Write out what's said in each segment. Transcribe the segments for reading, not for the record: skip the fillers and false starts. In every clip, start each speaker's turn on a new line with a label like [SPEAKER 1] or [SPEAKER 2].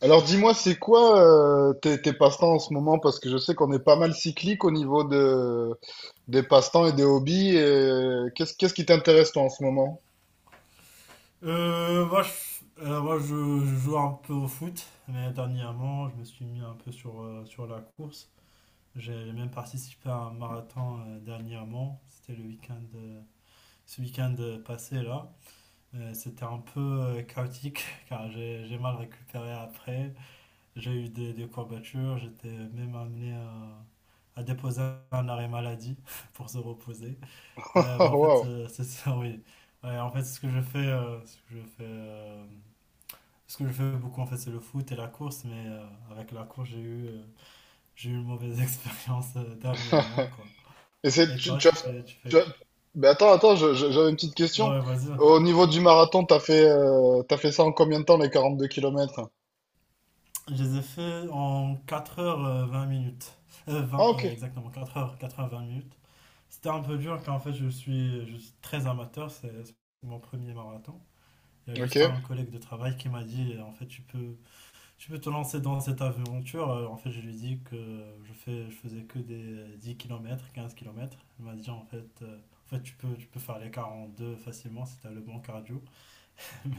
[SPEAKER 1] Alors dis-moi, c'est quoi tes passe-temps en ce moment? Parce que je sais qu'on est pas mal cyclique au niveau de, des passe-temps et des hobbies. Et qu'est-ce qui t'intéresse toi en ce moment?
[SPEAKER 2] Euh, moi, je, moi je joue un peu au foot, mais dernièrement, je me suis mis un peu sur la course. J'ai même participé à un marathon, dernièrement. C'était ce week-end passé là. C'était un peu chaotique car j'ai mal récupéré après. J'ai eu des courbatures. J'étais même amené à déposer un arrêt maladie pour se reposer. Mais en fait,
[SPEAKER 1] Waouh.
[SPEAKER 2] c'est ça, oui. Ouais, en fait, c'est ce que je fais, ce que je fais. Ce que je fais beaucoup, en fait, c'est le foot et la course, mais avec la course, j'ai eu une mauvaise expérience, dernièrement, quoi.
[SPEAKER 1] Et
[SPEAKER 2] Et toi,
[SPEAKER 1] tu as,
[SPEAKER 2] tu fais
[SPEAKER 1] tu as-
[SPEAKER 2] quoi?
[SPEAKER 1] mais attends, attends, j'avais une petite question.
[SPEAKER 2] Ouais, vas-y.
[SPEAKER 1] Au niveau du marathon, t'as fait ça en combien de temps les 42 km?
[SPEAKER 2] Je les ai fait en quatre heures vingt minutes.
[SPEAKER 1] Ah
[SPEAKER 2] 20,
[SPEAKER 1] ok,
[SPEAKER 2] exactement, quatre heures vingt minutes. C'était un peu dur car en fait je suis très amateur, c'est mon premier marathon. Il y a
[SPEAKER 1] ok.
[SPEAKER 2] juste un collègue de travail qui m'a dit en fait tu peux te lancer dans cette aventure. En fait, je lui ai dit que je faisais que des 10 km, 15 km. Elle m'a dit en fait tu peux faire les 42 facilement si tu as le bon cardio. Mais,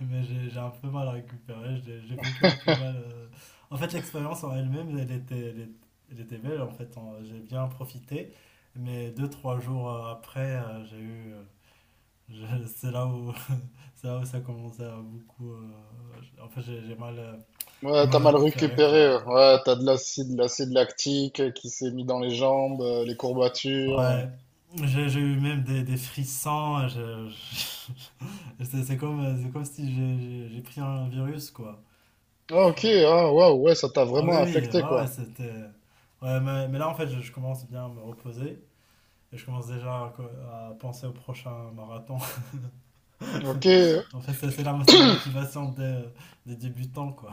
[SPEAKER 2] mais j'ai un peu mal à récupérer. J'ai vécu un peu mal. En fait, l'expérience en elle-même, elle était belle. En fait, j'ai bien profité. Mais deux trois jours après, j'ai eu. Je- C'est là où, c'est là où ça commençait à beaucoup. En fait, j'ai j'ai mal, euh,
[SPEAKER 1] Ouais,
[SPEAKER 2] j'ai
[SPEAKER 1] t'as
[SPEAKER 2] mal
[SPEAKER 1] mal
[SPEAKER 2] récupéré
[SPEAKER 1] récupéré.
[SPEAKER 2] quoi.
[SPEAKER 1] Ouais, t'as de l'acide, l'acide lactique qui s'est mis dans les jambes, les courbatures.
[SPEAKER 2] Ouais, j'ai eu même des frissons. C'est comme si j'ai pris un virus, quoi.
[SPEAKER 1] Ah,
[SPEAKER 2] C'est-
[SPEAKER 1] ok, ah, waouh, ouais, ça t'a
[SPEAKER 2] Ah oui,
[SPEAKER 1] vraiment
[SPEAKER 2] oui,
[SPEAKER 1] affecté,
[SPEAKER 2] ouais, ouais,
[SPEAKER 1] quoi.
[SPEAKER 2] c'était. Ouais, mais là, en fait, je commence bien à me reposer. Et je commence déjà à penser au prochain marathon.
[SPEAKER 1] Ok,
[SPEAKER 2] En fait, c'est la motivation des débutants, quoi.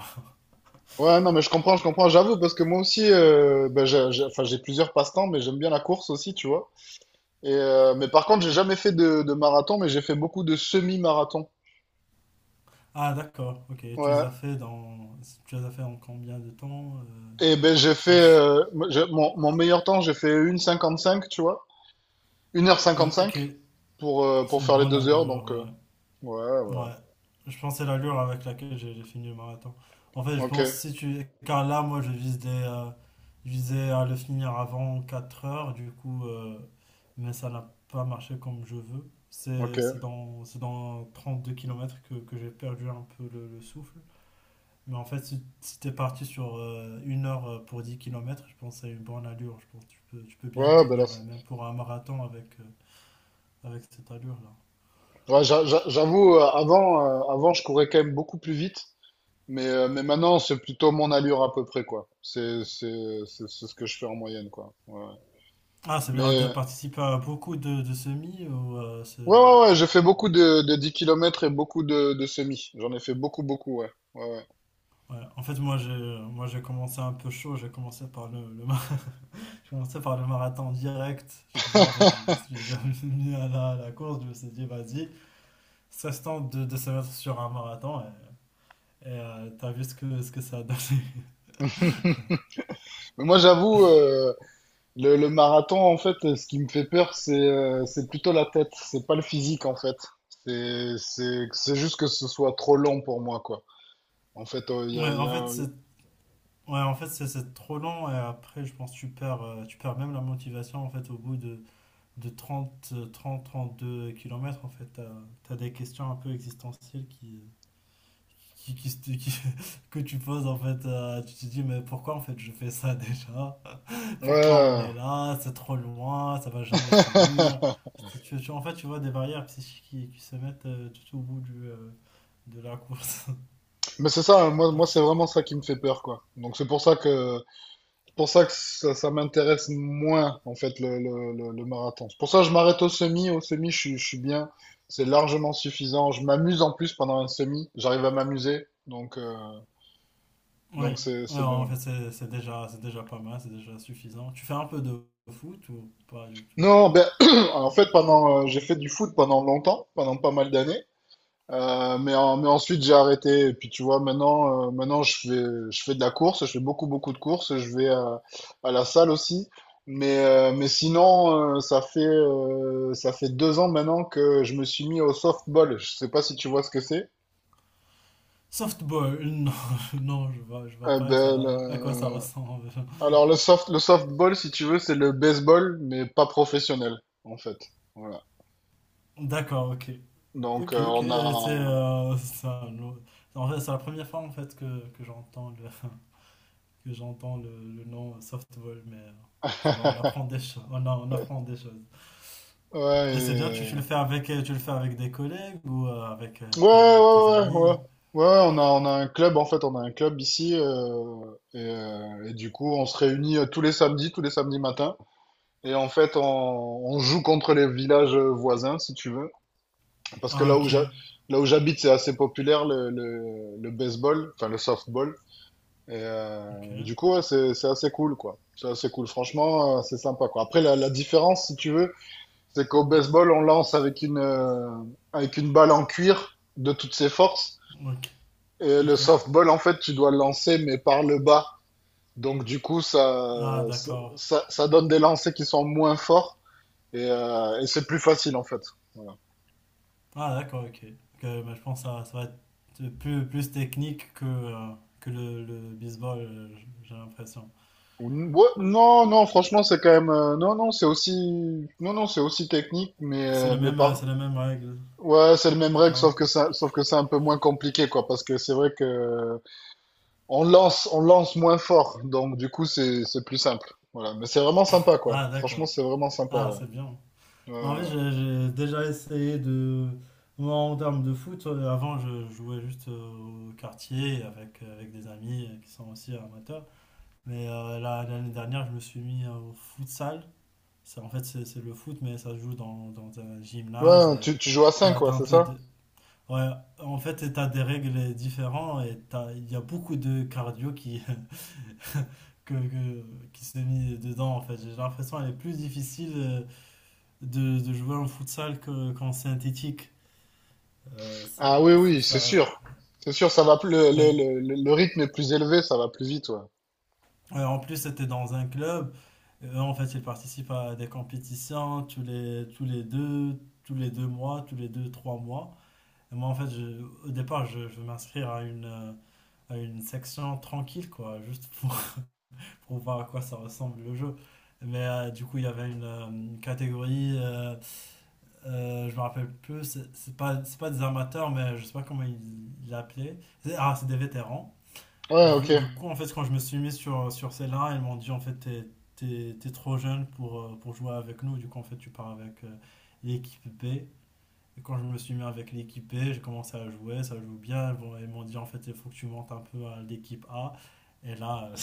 [SPEAKER 1] ouais, non, mais je comprends, j'avoue, parce que moi aussi, ben, j'ai- enfin, j'ai plusieurs passe-temps, mais j'aime bien la course aussi, tu vois. Et, mais par contre, j'ai jamais fait de marathon, mais j'ai fait beaucoup de semi-marathon.
[SPEAKER 2] Ah, d'accord, ok. Tu les
[SPEAKER 1] Ouais.
[SPEAKER 2] as fait dans. Tu les as fait en combien de temps?
[SPEAKER 1] Et ben,
[SPEAKER 2] Je pense.
[SPEAKER 1] moi, mon meilleur temps, j'ai fait une heure cinquante-cinq, tu vois. Une heure
[SPEAKER 2] Ouais, ok.
[SPEAKER 1] cinquante-cinq pour
[SPEAKER 2] C'est
[SPEAKER 1] faire les
[SPEAKER 2] bon
[SPEAKER 1] deux heures,
[SPEAKER 2] allure,
[SPEAKER 1] donc,
[SPEAKER 2] ouais.
[SPEAKER 1] ouais.
[SPEAKER 2] Ouais, je pense que c'est l'allure avec laquelle j'ai fini le marathon. En fait, je
[SPEAKER 1] Ok,
[SPEAKER 2] pense si tu... Car là, moi, je visais à le finir avant 4 heures, du coup, mais ça n'a pas marché comme je veux. C'est c'est
[SPEAKER 1] ok.
[SPEAKER 2] dans, c'est dans 32 km que j'ai perdu un peu le souffle. Mais en fait, si t'es parti sur 1 heure pour 10 km, je pense que c'est une bonne allure. Je pense que tu peux bien
[SPEAKER 1] Ouais, ben là,
[SPEAKER 2] tenir, même pour un marathon avec cette allure-là.
[SPEAKER 1] ouais, j'avoue, avant, je courais quand même beaucoup plus vite. Mais maintenant, c'est plutôt mon allure à peu près, quoi. C'est ce que je fais en moyenne, quoi. Ouais.
[SPEAKER 2] Ah, c'est bien. Dire,
[SPEAKER 1] Mais,
[SPEAKER 2] t'as participé à beaucoup de semis ou
[SPEAKER 1] ouais, j'ai fait beaucoup de 10 kilomètres et beaucoup de semi. J'en ai fait beaucoup, beaucoup, ouais. Ouais, ouais.
[SPEAKER 2] ouais. En fait, moi j'ai commencé un peu chaud, j'ai commencé par le mar- j'ai commencé par le marathon direct. Tu vois, en fait, je me suis jamais mis à la course, je me suis dit, vas-y, ça se tente de se mettre sur un marathon et, t'as vu ce que ça a donné.
[SPEAKER 1] Mais moi, j'avoue, le marathon, en fait, ce qui me fait peur, c'est plutôt la tête. C'est pas le physique, en fait. C'est juste que ce soit trop long pour moi, quoi. En fait,
[SPEAKER 2] Ouais,
[SPEAKER 1] il y
[SPEAKER 2] en fait,
[SPEAKER 1] a-
[SPEAKER 2] c'est trop long et après, je pense que tu perds même la motivation en fait, au bout de trente deux kilomètres en fait, tu as des questions un peu existentielles qui, qui, se- qui- que tu poses, en fait. Tu te dis, mais pourquoi, en fait, je fais ça déjà? Pourquoi on
[SPEAKER 1] Ouais.
[SPEAKER 2] est là? C'est trop loin, ça va jamais finir. En fait, tu vois des barrières psychiques qui se mettent tout au bout de la course.
[SPEAKER 1] Mais c'est ça, hein. Moi c'est vraiment ça qui me fait peur, quoi. Donc c'est pour ça que ça m'intéresse moins, en fait, le marathon. C'est pour ça que je m'arrête au semi. Au semi, je suis bien. C'est largement suffisant. Je m'amuse en plus pendant un semi. J'arrive à m'amuser.
[SPEAKER 2] Oui,
[SPEAKER 1] Donc
[SPEAKER 2] ouais,
[SPEAKER 1] c'est
[SPEAKER 2] en
[SPEAKER 1] bien.
[SPEAKER 2] fait, c'est déjà pas mal, c'est déjà suffisant. Tu fais un peu de foot ou pas du tout?
[SPEAKER 1] Non, ben, en fait, pendant, j'ai fait du foot pendant longtemps, pendant pas mal d'années. Mais, mais ensuite j'ai arrêté. Et puis tu vois, maintenant, maintenant je fais de la course, je fais beaucoup, beaucoup de courses, je vais à la salle aussi. Mais sinon, ça fait deux ans maintenant que je me suis mis au softball. Je sais pas si tu vois ce que c'est.
[SPEAKER 2] Softball, non, non, je vois pas
[SPEAKER 1] Ben,
[SPEAKER 2] à quoi ça ressemble.
[SPEAKER 1] alors le softball, si tu veux, c'est le baseball, mais pas professionnel, en fait. Voilà.
[SPEAKER 2] D'accord, ok.
[SPEAKER 1] Donc
[SPEAKER 2] Ok, ok,
[SPEAKER 1] on a...
[SPEAKER 2] en fait, c'est la première fois en fait que que j'entends le nom softball, mais ça va, on apprend des choses. On apprend des choses. Et c'est bien, tu,
[SPEAKER 1] Ouais,
[SPEAKER 2] tu le fais avec des collègues ou avec tes
[SPEAKER 1] Ouais.
[SPEAKER 2] amis?
[SPEAKER 1] Ouais, on a un club, en fait, on a un club ici, et du coup, on se réunit tous les samedis matins, et en fait, on joue contre les villages voisins, si tu veux, parce que
[SPEAKER 2] Ah, ok,
[SPEAKER 1] là où j'habite, c'est assez populaire, le baseball, enfin, le softball,
[SPEAKER 2] ok,
[SPEAKER 1] et du coup, ouais, c'est assez cool, quoi. C'est assez cool, franchement, c'est sympa, quoi. Après, la différence, si tu veux, c'est qu'au baseball, on lance avec avec une balle en cuir de toutes ses forces,
[SPEAKER 2] ok,
[SPEAKER 1] et le
[SPEAKER 2] ok.
[SPEAKER 1] softball, en fait, tu dois le lancer, mais par le bas. Donc, du coup,
[SPEAKER 2] Ah, d'accord.
[SPEAKER 1] ça donne des lancers qui sont moins forts et c'est plus facile, en fait. Voilà.
[SPEAKER 2] Ah, d'accord, ok. Ok, bah, je pense que ça va être plus technique que le baseball, j'ai l'impression.
[SPEAKER 1] Ou- ouais, non, non, franchement, c'est quand même. Non, non, c'est aussi. Non, non, c'est aussi technique,
[SPEAKER 2] C'est le
[SPEAKER 1] mais
[SPEAKER 2] même, euh,
[SPEAKER 1] par.
[SPEAKER 2] c'est la même règle.
[SPEAKER 1] Ouais, c'est le même règle,
[SPEAKER 2] D'accord.
[SPEAKER 1] sauf que c'est un peu moins compliqué, quoi, parce que c'est vrai que on lance moins fort, donc du coup, c'est plus simple. Voilà. Mais c'est vraiment sympa, quoi.
[SPEAKER 2] Ah,
[SPEAKER 1] Franchement,
[SPEAKER 2] d'accord.
[SPEAKER 1] c'est vraiment sympa,
[SPEAKER 2] Ah,
[SPEAKER 1] ouais.
[SPEAKER 2] c'est bien.
[SPEAKER 1] Ouais,
[SPEAKER 2] En fait,
[SPEAKER 1] ouais.
[SPEAKER 2] j'ai déjà essayé de. Moi, en termes de foot, avant, je jouais juste au quartier avec des amis qui sont aussi amateurs. Mais l'année dernière, je me suis mis au futsal. Ça, en fait, c'est le foot, mais ça se joue dans un gymnase.
[SPEAKER 1] Ouais,
[SPEAKER 2] Et
[SPEAKER 1] tu joues à 5
[SPEAKER 2] t'as,
[SPEAKER 1] quoi,
[SPEAKER 2] t'as un
[SPEAKER 1] c'est
[SPEAKER 2] peu
[SPEAKER 1] ça?
[SPEAKER 2] d- ouais, en fait, t'as des règles différentes il y a beaucoup de cardio qui se mis dedans, en fait. J'ai l'impression qu'elle est plus difficile de jouer en futsal qu'en synthétique.
[SPEAKER 1] Ah
[SPEAKER 2] C'est,
[SPEAKER 1] oui,
[SPEAKER 2] c'est
[SPEAKER 1] oui, c'est
[SPEAKER 2] ça.
[SPEAKER 1] sûr. C'est sûr, ça va plus,
[SPEAKER 2] Ouais.
[SPEAKER 1] le rythme est plus élevé, ça va plus vite, ouais.
[SPEAKER 2] Ouais, en plus, c'était dans un club. Eux, en fait, ils participent à des compétitions tous les deux mois, tous les deux, trois mois. Et moi, en fait, au départ, je veux m'inscrire à une section tranquille, quoi, juste pour voir à quoi ça ressemble le jeu. Mais du coup, il y avait une catégorie, je me rappelle plus, c'est pas des amateurs, mais je sais pas comment ils l'appelaient. Ah, c'est des vétérans.
[SPEAKER 1] Ouais,
[SPEAKER 2] Du,
[SPEAKER 1] ok.
[SPEAKER 2] du coup, en fait, quand je me suis mis sur celle-là, ils m'ont dit, en fait, t'es trop jeune pour jouer avec nous. Du coup, en fait, tu pars avec l'équipe B. Et quand je me suis mis avec l'équipe B, j'ai commencé à jouer, ça joue bien. Bon, ils m'ont dit, en fait, il faut que tu montes un peu à l'équipe A. Et là,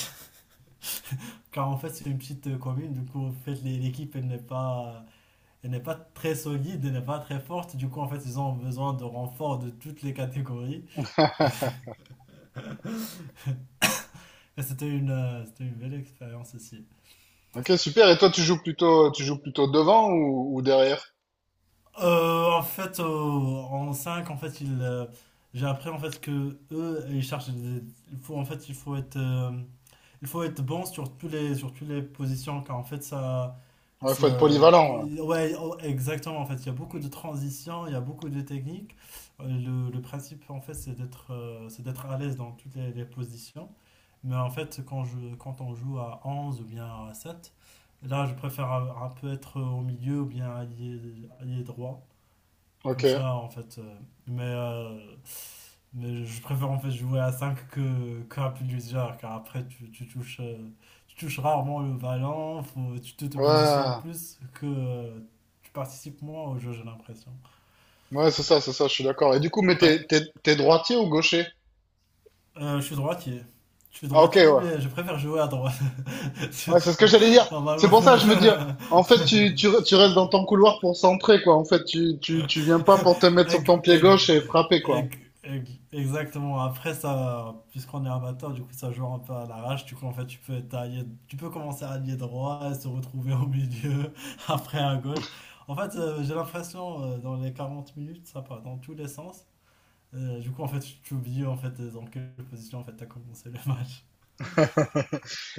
[SPEAKER 2] car en fait, c'est une petite commune, du coup, en fait, l'équipe, elle n'est pas très solide, elle n'est pas très forte. Du coup, en fait, ils ont besoin de renforts de toutes les catégories. Et c'était une belle expérience aussi.
[SPEAKER 1] Ok, super. Et toi, tu joues plutôt devant ou derrière?
[SPEAKER 2] En fait, en 5 en fait, j'ai appris en fait que eux, ils cherchent. Il faut en fait il faut être bon sur sur toutes les positions, car en fait, ça,
[SPEAKER 1] Ouais, faut être polyvalent. Ouais.
[SPEAKER 2] Ouais, oh, exactement. En fait, il y a beaucoup de transitions, il y a beaucoup de techniques. Le principe, en fait, c'est d'être à l'aise dans toutes les positions. Mais en fait, quand on joue à 11 ou bien à 7 là, je préfère un peu être au milieu ou bien allié, allié droit.
[SPEAKER 1] Ok.
[SPEAKER 2] Comme ça, en fait. Mais euh, mais je préfère en fait jouer à 5 que à plus légère, car après tu touches rarement le ballon, faut, tu te positionnes
[SPEAKER 1] Ouais.
[SPEAKER 2] plus que tu participes moins au jeu, j'ai l'impression.
[SPEAKER 1] Ouais, c'est ça, je suis d'accord. Et du coup, mais
[SPEAKER 2] Ouais,
[SPEAKER 1] t'es droitier ou gaucher?
[SPEAKER 2] je suis droitier. Je suis
[SPEAKER 1] Ah, ok,
[SPEAKER 2] droitier,
[SPEAKER 1] ouais.
[SPEAKER 2] mais je préfère jouer à droite. Tu
[SPEAKER 1] Ouais, c'est ce que
[SPEAKER 2] vois,
[SPEAKER 1] j'allais dire. C'est
[SPEAKER 2] normalement.
[SPEAKER 1] pour ça, je me dis, en fait, tu restes dans ton couloir pour centrer, quoi. En fait, tu viens pas pour te mettre sur ton
[SPEAKER 2] avec,
[SPEAKER 1] pied
[SPEAKER 2] avec,
[SPEAKER 1] gauche et frapper, quoi.
[SPEAKER 2] Ex- Exactement. Après ça, puisqu'on est amateur, du coup ça joue un peu à l'arrache. Du coup en fait tu peux tailler, tu peux commencer à allier droit et se retrouver au milieu, après à gauche. En fait j'ai l'impression dans les 40 minutes ça part dans tous les sens. Du coup en fait tu oublies en fait dans quelle position en fait t'as commencé le match.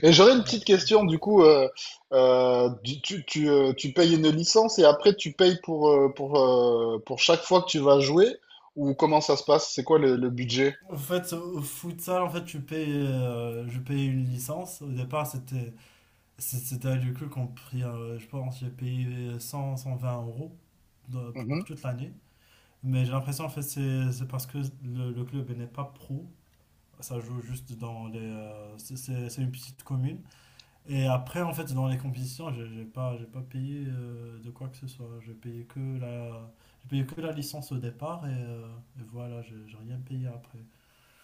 [SPEAKER 1] Et j'aurais une petite
[SPEAKER 2] Ouais.
[SPEAKER 1] question, du coup, tu payes une licence et après tu payes pour chaque fois que tu vas jouer, ou comment ça se passe? C'est quoi le budget?
[SPEAKER 2] En fait au futsal en fait je payais une licence. Au départ c'était du coup qu'on pris, je pense, j'ai payé cent vingt euros
[SPEAKER 1] Mhm.
[SPEAKER 2] pour toute l'année. Mais j'ai l'impression, en fait, c'est parce que le club il n'est pas pro. Ça joue juste dans les. C'est une petite commune. Et après, en fait, dans les compétitions, j'ai pas payé de quoi que ce soit. J'ai payé que la licence au départ et voilà, j'ai rien payé après.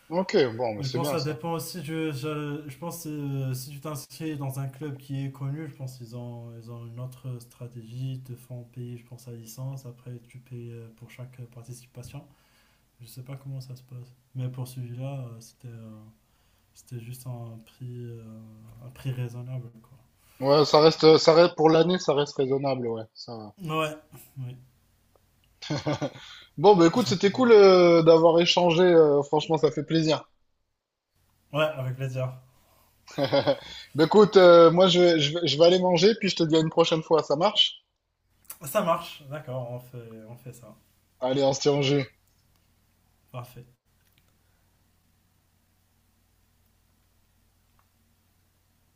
[SPEAKER 1] Ok, bon, mais
[SPEAKER 2] Mais je
[SPEAKER 1] c'est
[SPEAKER 2] pense
[SPEAKER 1] bien
[SPEAKER 2] que ça
[SPEAKER 1] ça.
[SPEAKER 2] dépend aussi. Je pense que si tu t'inscris dans un club qui est connu, je pense qu'ils ont une autre stratégie. Ils te font payer, je pense, la licence. Après, tu payes pour chaque participation. Je sais pas comment ça se passe. Mais pour celui-là, c'était juste un prix raisonnable, quoi.
[SPEAKER 1] Ouais, pour l'année, ça reste raisonnable, ouais, ça va.
[SPEAKER 2] Ouais, oui,
[SPEAKER 1] Bon, bah écoute, c'était cool
[SPEAKER 2] ouais.
[SPEAKER 1] d'avoir échangé, franchement, ça fait plaisir.
[SPEAKER 2] Ouais, avec plaisir.
[SPEAKER 1] Bah écoute, moi je vais, je vais, je vais aller manger, puis je te dis à une prochaine fois, ça marche?
[SPEAKER 2] Ça marche, d'accord, on fait ça.
[SPEAKER 1] Allez, on se tient au jeu.
[SPEAKER 2] Parfait.